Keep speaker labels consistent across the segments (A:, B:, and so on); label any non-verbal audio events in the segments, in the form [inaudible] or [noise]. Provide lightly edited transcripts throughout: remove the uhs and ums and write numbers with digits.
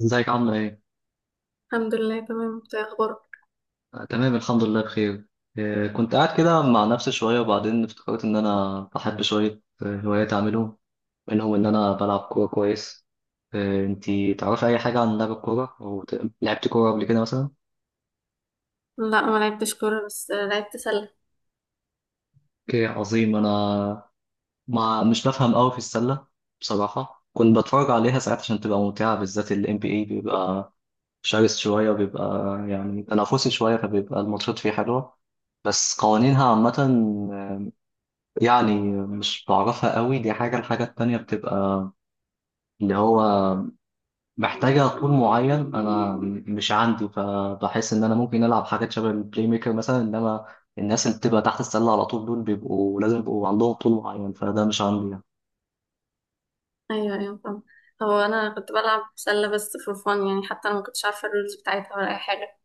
A: ازيك عاملة ايه؟
B: الحمد لله تمام، انت ايه اخبارك؟
A: تمام الحمد لله بخير. كنت قاعد كده مع نفسي شوية، وبعدين افتكرت إن أنا بحب شوية هوايات أعملهم، منهم إن أنا بلعب كورة كويس. انتي تعرفي أي حاجة عن لعب الكورة؟ أو لعبتي كورة قبل كده مثلا؟
B: لا، ما لعبتش كوره بس لعبت سله.
A: اوكي عظيم. أنا مش بفهم أوي في السلة، بصراحة كنت بتفرج عليها ساعات عشان تبقى ممتعة، بالذات ال NBA بيبقى شرس شوية، وبيبقى يعني تنافسي شوية، فبيبقى الماتشات فيه حلوة. بس قوانينها عامة يعني مش بعرفها قوي، دي حاجة. الحاجة التانية بتبقى اللي هو محتاجة طول معين، أنا مش عندي، فبحس إن أنا ممكن ألعب حاجات شبه البلاي ميكر مثلا، إنما الناس اللي بتبقى تحت السلة على طول دول بيبقوا لازم يبقوا عندهم طول معين، فده مش عندي يعني.
B: ايوه، ايوه، فاهم. هو انا كنت بلعب سله بس فور فان، يعني حتى انا ما كنتش عارفه الرولز بتاعتها ولا اي حاجه.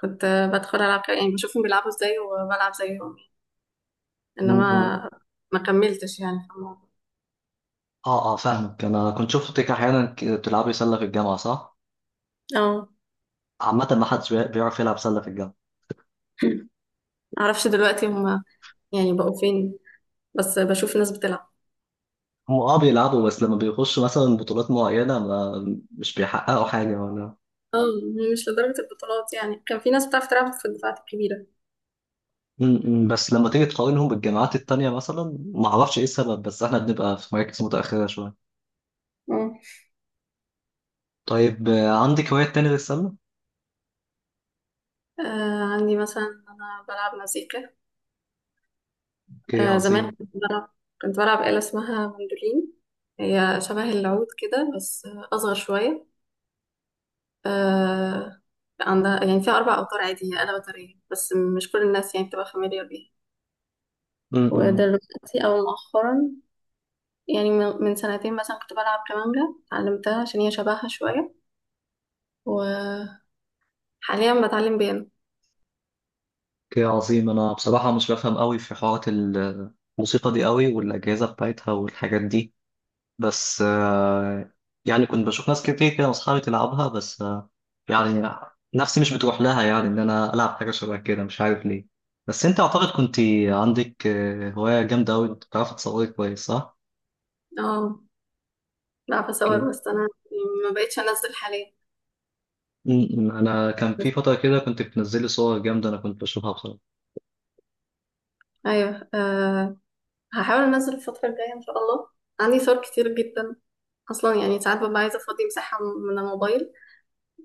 B: كنت بدخل العب كده، يعني بشوفهم بيلعبوا ازاي وبلعب زيهم.
A: م-
B: انما،
A: م.
B: ما كملتش يعني في الموضوع.
A: آه، آه، فاهمك، أنا كنت شفتك أحيانا بتلعبي سلة في الجامعة، صح؟
B: اه.
A: عامة ما حدش بيعرف يلعب سلة في الجامعة.
B: [clears throat] معرفش دلوقتي هم يعني بقوا فين، بس بشوف ناس بتلعب.
A: هم آه بيلعبوا، بس لما بيخشوا مثلا بطولات معينة ما مش بيحققوا حاجة.
B: اه. مش لدرجه البطولات، يعني كان في ناس بتعرف تلعب في الدفعات الكبيره.
A: م- م، بس لما تيجي تقارنهم بالجامعات التانية مثلا ما اعرفش ايه السبب، بس احنا بنبقى في مراكز متأخرة شوية.
B: اه.
A: طيب عندك هوايات تانية غير السلة؟
B: عندي مثلا انا بلعب مزيكا.
A: اوكي
B: زمان
A: عظيم.
B: كنت بلعب، كنت بلعب آلة اسمها مندولين. هي شبه العود كده، بس أصغر شوية. آه عندها يعني فيها 4 أوتار عادية، آلة وترية، بس مش كل الناس يعني بتبقى فاميليار بيها.
A: امم
B: ودلوقتي أو مؤخرا، يعني من سنتين مثلا كنت بلعب كمانجا، اتعلمتها عشان هي شبهها شوية. وحاليا بتعلم بيانو.
A: اوكي عظيم، انا بصراحة مش بفهم قوي في حوارات الموسيقى دي قوي والأجهزة بتاعتها والحاجات دي، بس يعني كنت بشوف ناس كتير كده واصحابي تلعبها، بس يعني نفسي مش بتروح لها، يعني ان انا العب حاجة شبه كده مش عارف ليه. بس انت اعتقد كنت عندك هواية جامدة قوي، بتعرفي تصوري كويس، صح؟
B: اه، بعرف أصور،
A: كده.
B: بس أنا ما بقتش أنزل حاليا.
A: م. انا كان
B: بس
A: في فتره كده كنت بتنزلي صور جامده، انا كنت بشوفها بصراحه.
B: أيوه، أه، هحاول أنزل الفترة الجاية إن شاء الله. عندي صور كتير جدا اصلا، يعني ساعات ببقى عايزه افضي مساحه من الموبايل.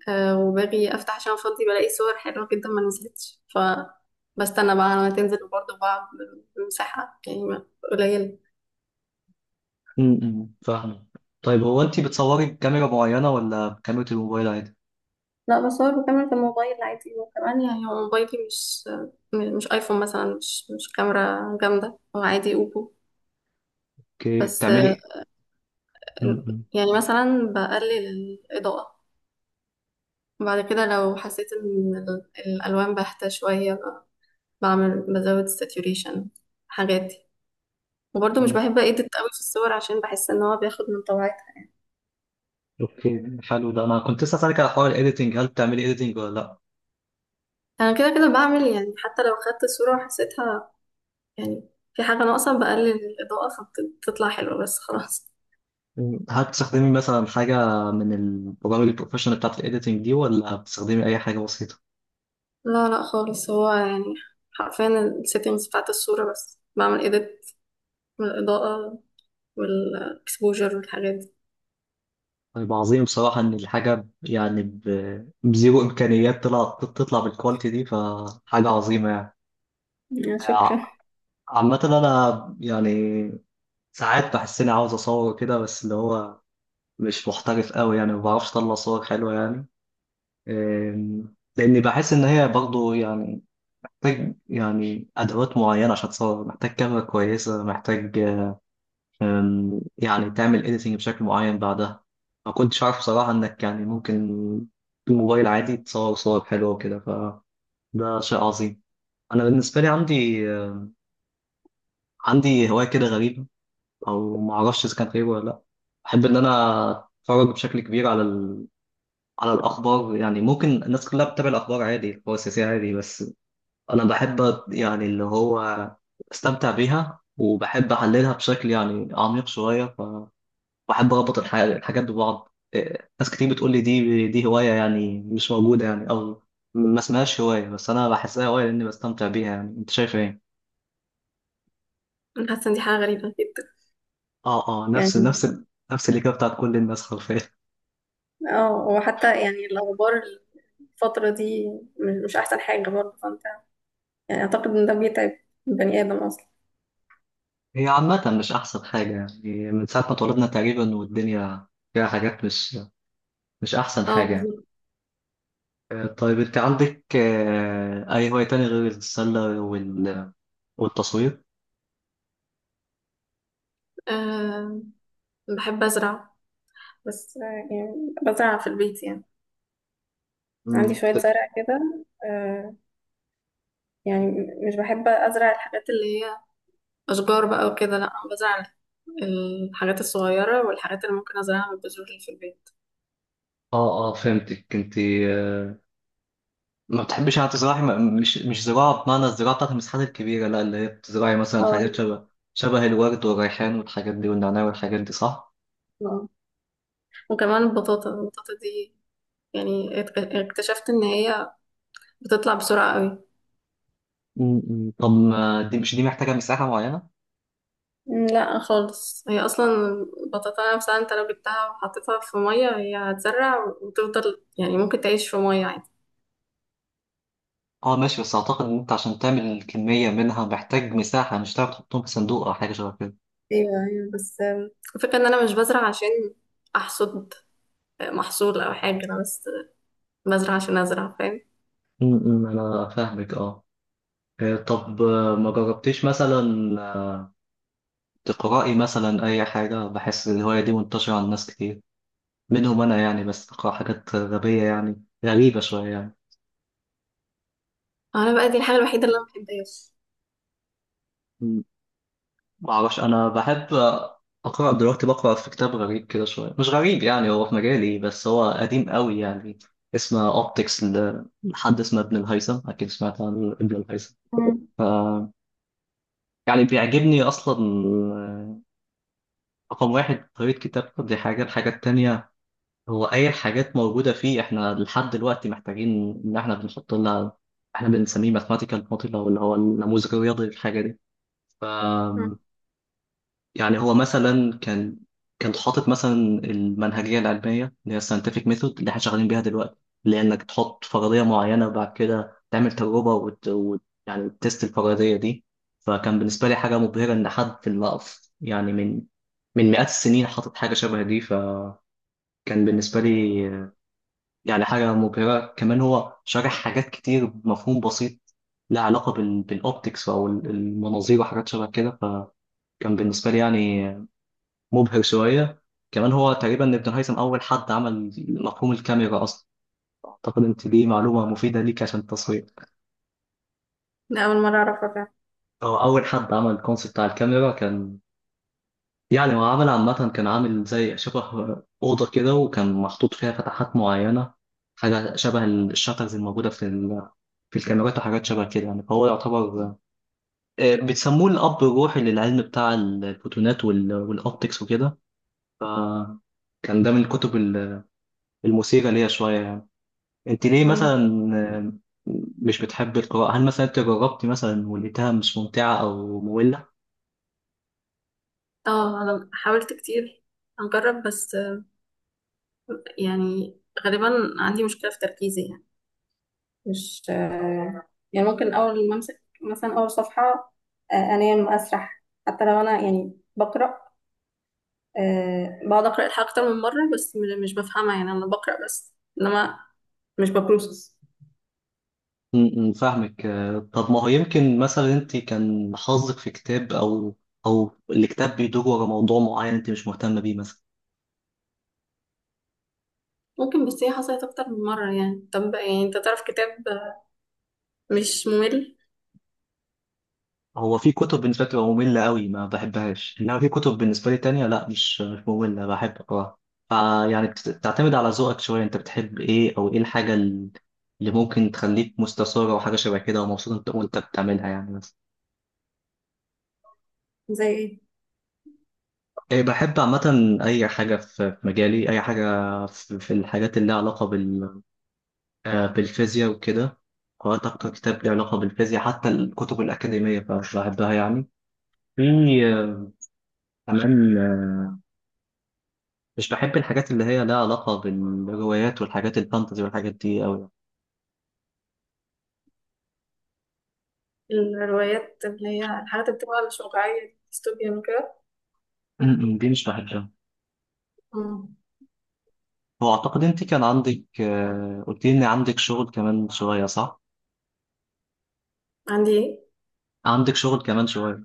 B: أه، وباجي افتح عشان افضي بلاقي صور حلوه جدا، ما نزلتش ف بستنى بقى لما تنزل، وبرضه بقعد بمساحه يعني قليله.
A: امم، فاهمه. طيب هو انت بتصوري بكاميرا معينه ولا بكاميرا الموبايل عادي؟
B: لا، بصور بكاميرا الموبايل عادي، وكمان يعني هو موبايلي مش ايفون مثلا، مش كاميرا جامده، هو عادي اوبو.
A: اوكي،
B: بس
A: بتعملي ايه؟ امم.
B: يعني مثلا بقلل الاضاءه. بعد كده لو حسيت ان الالوان باهته شويه، بزود الساتوريشن، حاجات دي. وبرضه مش
A: م.
B: بحب ايديت قوي في الصور، عشان بحس ان هو بياخد من طبيعتها.
A: اوكي، حلو ده، انا كنت لسه اسالك على حوار الايديتنج، هل بتعملي ايديتنج ولا لا؟
B: انا كده كده بعمل، يعني حتى لو خدت صورة وحسيتها يعني في حاجة ناقصة، بقلل الإضاءة فبتطلع حلوة بس خلاص.
A: مم. هل بتستخدمي مثلا حاجه من البرامج البروفيشنال بتاعت الايديتنج دي، ولا بتستخدمي اي حاجه بسيطه؟
B: لا، لا، خالص، هو يعني حرفيا السيتنجز بتاعت الصورة بس بعمل ايديت، من الإضاءة والاكسبوجر والحاجات
A: طيب عظيم، بصراحه ان الحاجه يعني بزيرو امكانيات طلعت تطلع بالكواليتي دي فحاجه عظيمه
B: دي، يا
A: يعني.
B: شكرا.
A: عامة أنا يعني ساعات بحس إني عاوز أصور كده، بس اللي هو مش محترف قوي يعني، ما بعرفش أطلع صور حلوة يعني. لأني بحس إن هي برضو يعني محتاج يعني أدوات معينة عشان تصور، محتاج كاميرا كويسة، محتاج يعني تعمل إيديتنج بشكل معين بعدها. ما كنتش عارف بصراحة إنك يعني ممكن بالموبايل عادي تصور صور حلوة وكده، فده شيء عظيم. أنا بالنسبة لي عندي هواية كده غريبة، او ما اعرفش اذا كان خير ولا لا. احب ان انا اتفرج بشكل كبير على على الاخبار، يعني ممكن الناس كلها بتتابع الاخبار عادي، الاخبار السياسيه عادي، بس انا بحب يعني اللي هو استمتع بيها، وبحب احللها بشكل يعني عميق شويه. فبحب اربط الحاجات ببعض. إيه، ناس كتير بتقول لي دي هوايه يعني مش موجوده يعني، او ما اسمهاش هوايه، بس انا بحسها هوايه لاني بستمتع بيها، يعني انت شايف ايه؟
B: أنا حاسة إن دي حاجة غريبة جدا
A: اه، اه،
B: يعني.
A: نفس الاجابه بتاعت كل الناس حرفيا.
B: اه، وحتى يعني الأخبار الفترة دي مش أحسن حاجة برضه، فأنت يعني أعتقد إن ده بيتعب البني آدم أصلا.
A: هي عامة مش أحسن حاجة، يعني من ساعة ما اتولدنا تقريبا والدنيا فيها حاجات مش أحسن
B: اه،
A: حاجة يعني.
B: بالظبط.
A: طيب أنت عندك أي هواية تانية غير السلة والتصوير؟
B: أه، بحب أزرع، بس يعني بزرع في البيت يعني، عندي
A: مم.
B: شوية زرع كده. أه، يعني مش بحب أزرع الحاجات اللي هي أشجار بقى وكده، لأ، أنا بزرع الحاجات الصغيرة والحاجات اللي ممكن أزرعها بالبذور اللي في البيت.
A: اه، اه، فهمتك. أنت آه، ما بتحبيش يعني تزرعي، مش زراعة بمعنى الزراعة بتاعت المساحات الكبيرة، لا اللي هي بتزرعي مثلا
B: اه،
A: حاجات شبه الورد والريحان والحاجات دي والنعناع والحاجات دي، صح؟
B: آه. وكمان البطاطا، البطاطا دي يعني اكتشفت إن هي بتطلع بسرعة قوي.
A: مم. طب ما دي مش دي محتاجة مساحة معينة؟
B: لا، خالص، هي أصلا البطاطا نفسها أنت لو جبتها وحطيتها في مية هي هتزرع وتفضل، يعني ممكن تعيش في مية عادي.
A: اه ماشي، بس اعتقد ان انت عشان تعمل كمية منها محتاج مساحة، مش هتعرف تحطهم في صندوق او حاجة شبه كده.
B: ايوه، ايوه، بس الفكرة ان انا مش بزرع عشان احصد محصول او حاجة، انا بس بزرع عشان ازرع، فاهم.
A: امم، انا فاهمك، اه. طب ما جربتيش مثلا آه، تقرأي مثلا اي حاجة؟ بحس الهواية دي منتشرة عند ناس كتير، منهم انا يعني، بس بقرأ حاجات غبية يعني غريبة شوية يعني.
B: انا بقى دي الحاجة الوحيدة اللي انا محبهاش.
A: مم. ما اعرفش، انا بحب اقرأ. دلوقتي بقرأ في كتاب غريب كده شوية، مش غريب يعني، هو في مجالي، بس هو قديم قوي يعني. اسمه اوبتكس، لحد اسمه ابن الهيثم، اكيد سمعت عن ابن الهيثم.
B: مم.
A: ف يعني بيعجبني اصلا، آه، رقم واحد طريقه كتابته، دي حاجه. الحاجه التانيه هو اي حاجات موجوده فيه احنا لحد دلوقتي محتاجين ان احنا بنحط لها، احنا بنسميه ماثماتيكال موديل او اللي هو النموذج الرياضي للحاجه دي.
B: مم.
A: يعني هو مثلا كان حاطط مثلا المنهجية العلمية اللي هي scientific method اللي احنا شغالين بيها دلوقتي، اللي هي انك تحط فرضية معينة وبعد كده تعمل تجربة يعني تست الفرضية دي. فكان بالنسبة لي حاجة مبهرة، إن حد في المقف يعني من مئات السنين حاطط حاجة شبه دي، فكان بالنسبة لي يعني حاجة مبهرة. كمان هو شارح حاجات كتير بمفهوم بسيط، لها علاقة بالأوبتكس أو المناظير وحاجات شبه كده، فكان بالنسبة لي يعني مبهر شوية. كمان هو تقريبا ابن هيثم أول حد عمل مفهوم الكاميرا أصلا، أعتقد أنت دي معلومة مفيدة ليك عشان التصوير.
B: ده اول مرة اعرفها فعلا.
A: هو أول حد عمل الكونسيبت بتاع الكاميرا، كان يعني هو عمل عامة كان عامل زي شبه أوضة كده، وكان محطوط فيها فتحات معينة، حاجة شبه الشاترز الموجودة في الكاميرات وحاجات شبه كده يعني. فهو يعتبر بيسموه الأب الروحي للعلم بتاع الفوتونات والأوبتكس وكده. فكان ده من الكتب المثيرة ليا شوية يعني. انت ليه
B: مم.
A: مثلا مش بتحب القراءة؟ هل مثلا انت جربتي مثلا ولقيتها مش ممتعة او مملة؟
B: اه، انا حاولت كتير اجرب، بس يعني غالبا عندي مشكلة في تركيزي، يعني مش يعني ممكن اول ما امسك مثلا اول صفحة، انام اسرح، حتى لو انا يعني بقرأ بقعد أقرأ الحلقة أكتر من مرة، بس مش بفهمها، يعني أنا بقرأ بس، إنما مش ببروسس.
A: م- م، فاهمك. طب ما هو يمكن مثلا انت كان حظك في كتاب، او الكتاب بيدور ورا موضوع معين انت مش مهتمة بيه مثلا.
B: ممكن، بس هي حصلت أكتر من مرة يعني، طب يعني أنت تعرف كتاب مش ممل؟
A: هو في كتب بالنسبة لي بتبقى مملة قوي ما بحبهاش، انما في كتب بالنسبة لي تانية لا، مش مملة بحب اقراها. فيعني بتعتمد على ذوقك شوية، انت بتحب ايه او ايه الحاجة اللي ممكن تخليك مستثارة وحاجة شبه كده، ومبسوط انت وانت بتعملها يعني، مثلا؟
B: زي إيه؟
A: إيه، بحب عامة أي حاجة في مجالي، أي حاجة في الحاجات اللي لها علاقة بالفيزياء وكده. قرأت أكتر كتاب له علاقة بالفيزياء، حتى الكتب الأكاديمية فمش بحبها يعني. في
B: مم.
A: آه، كمان مش بحب الحاجات اللي هي لها علاقة بالروايات والحاجات الفانتزي والحاجات دي أوي
B: الروايات اللي هي الحاجات اللي بتبقى مش واقعية دي، ديستوبيا وكده؟
A: يعني. [clears throat] دي مش بحبها.
B: مم.
A: هو أعتقد أنت كان عندك، قلت لي إن عندك شغل كمان شوية، صح؟
B: عندي إيه؟
A: عندك شغل كمان شوية.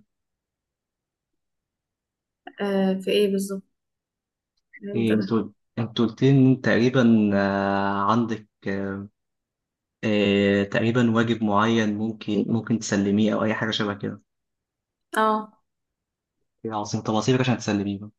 B: آه، في إيه بالظبط؟ إمتى
A: إيه
B: ده؟
A: أنتوا؟ أنت قلت لي إن تقريبا عندك تقريبا واجب معين ممكن تسلميه او اي حاجه شبه كده.
B: اه.
A: يا عظيم، طب اصيبك عشان تسلميه بقى.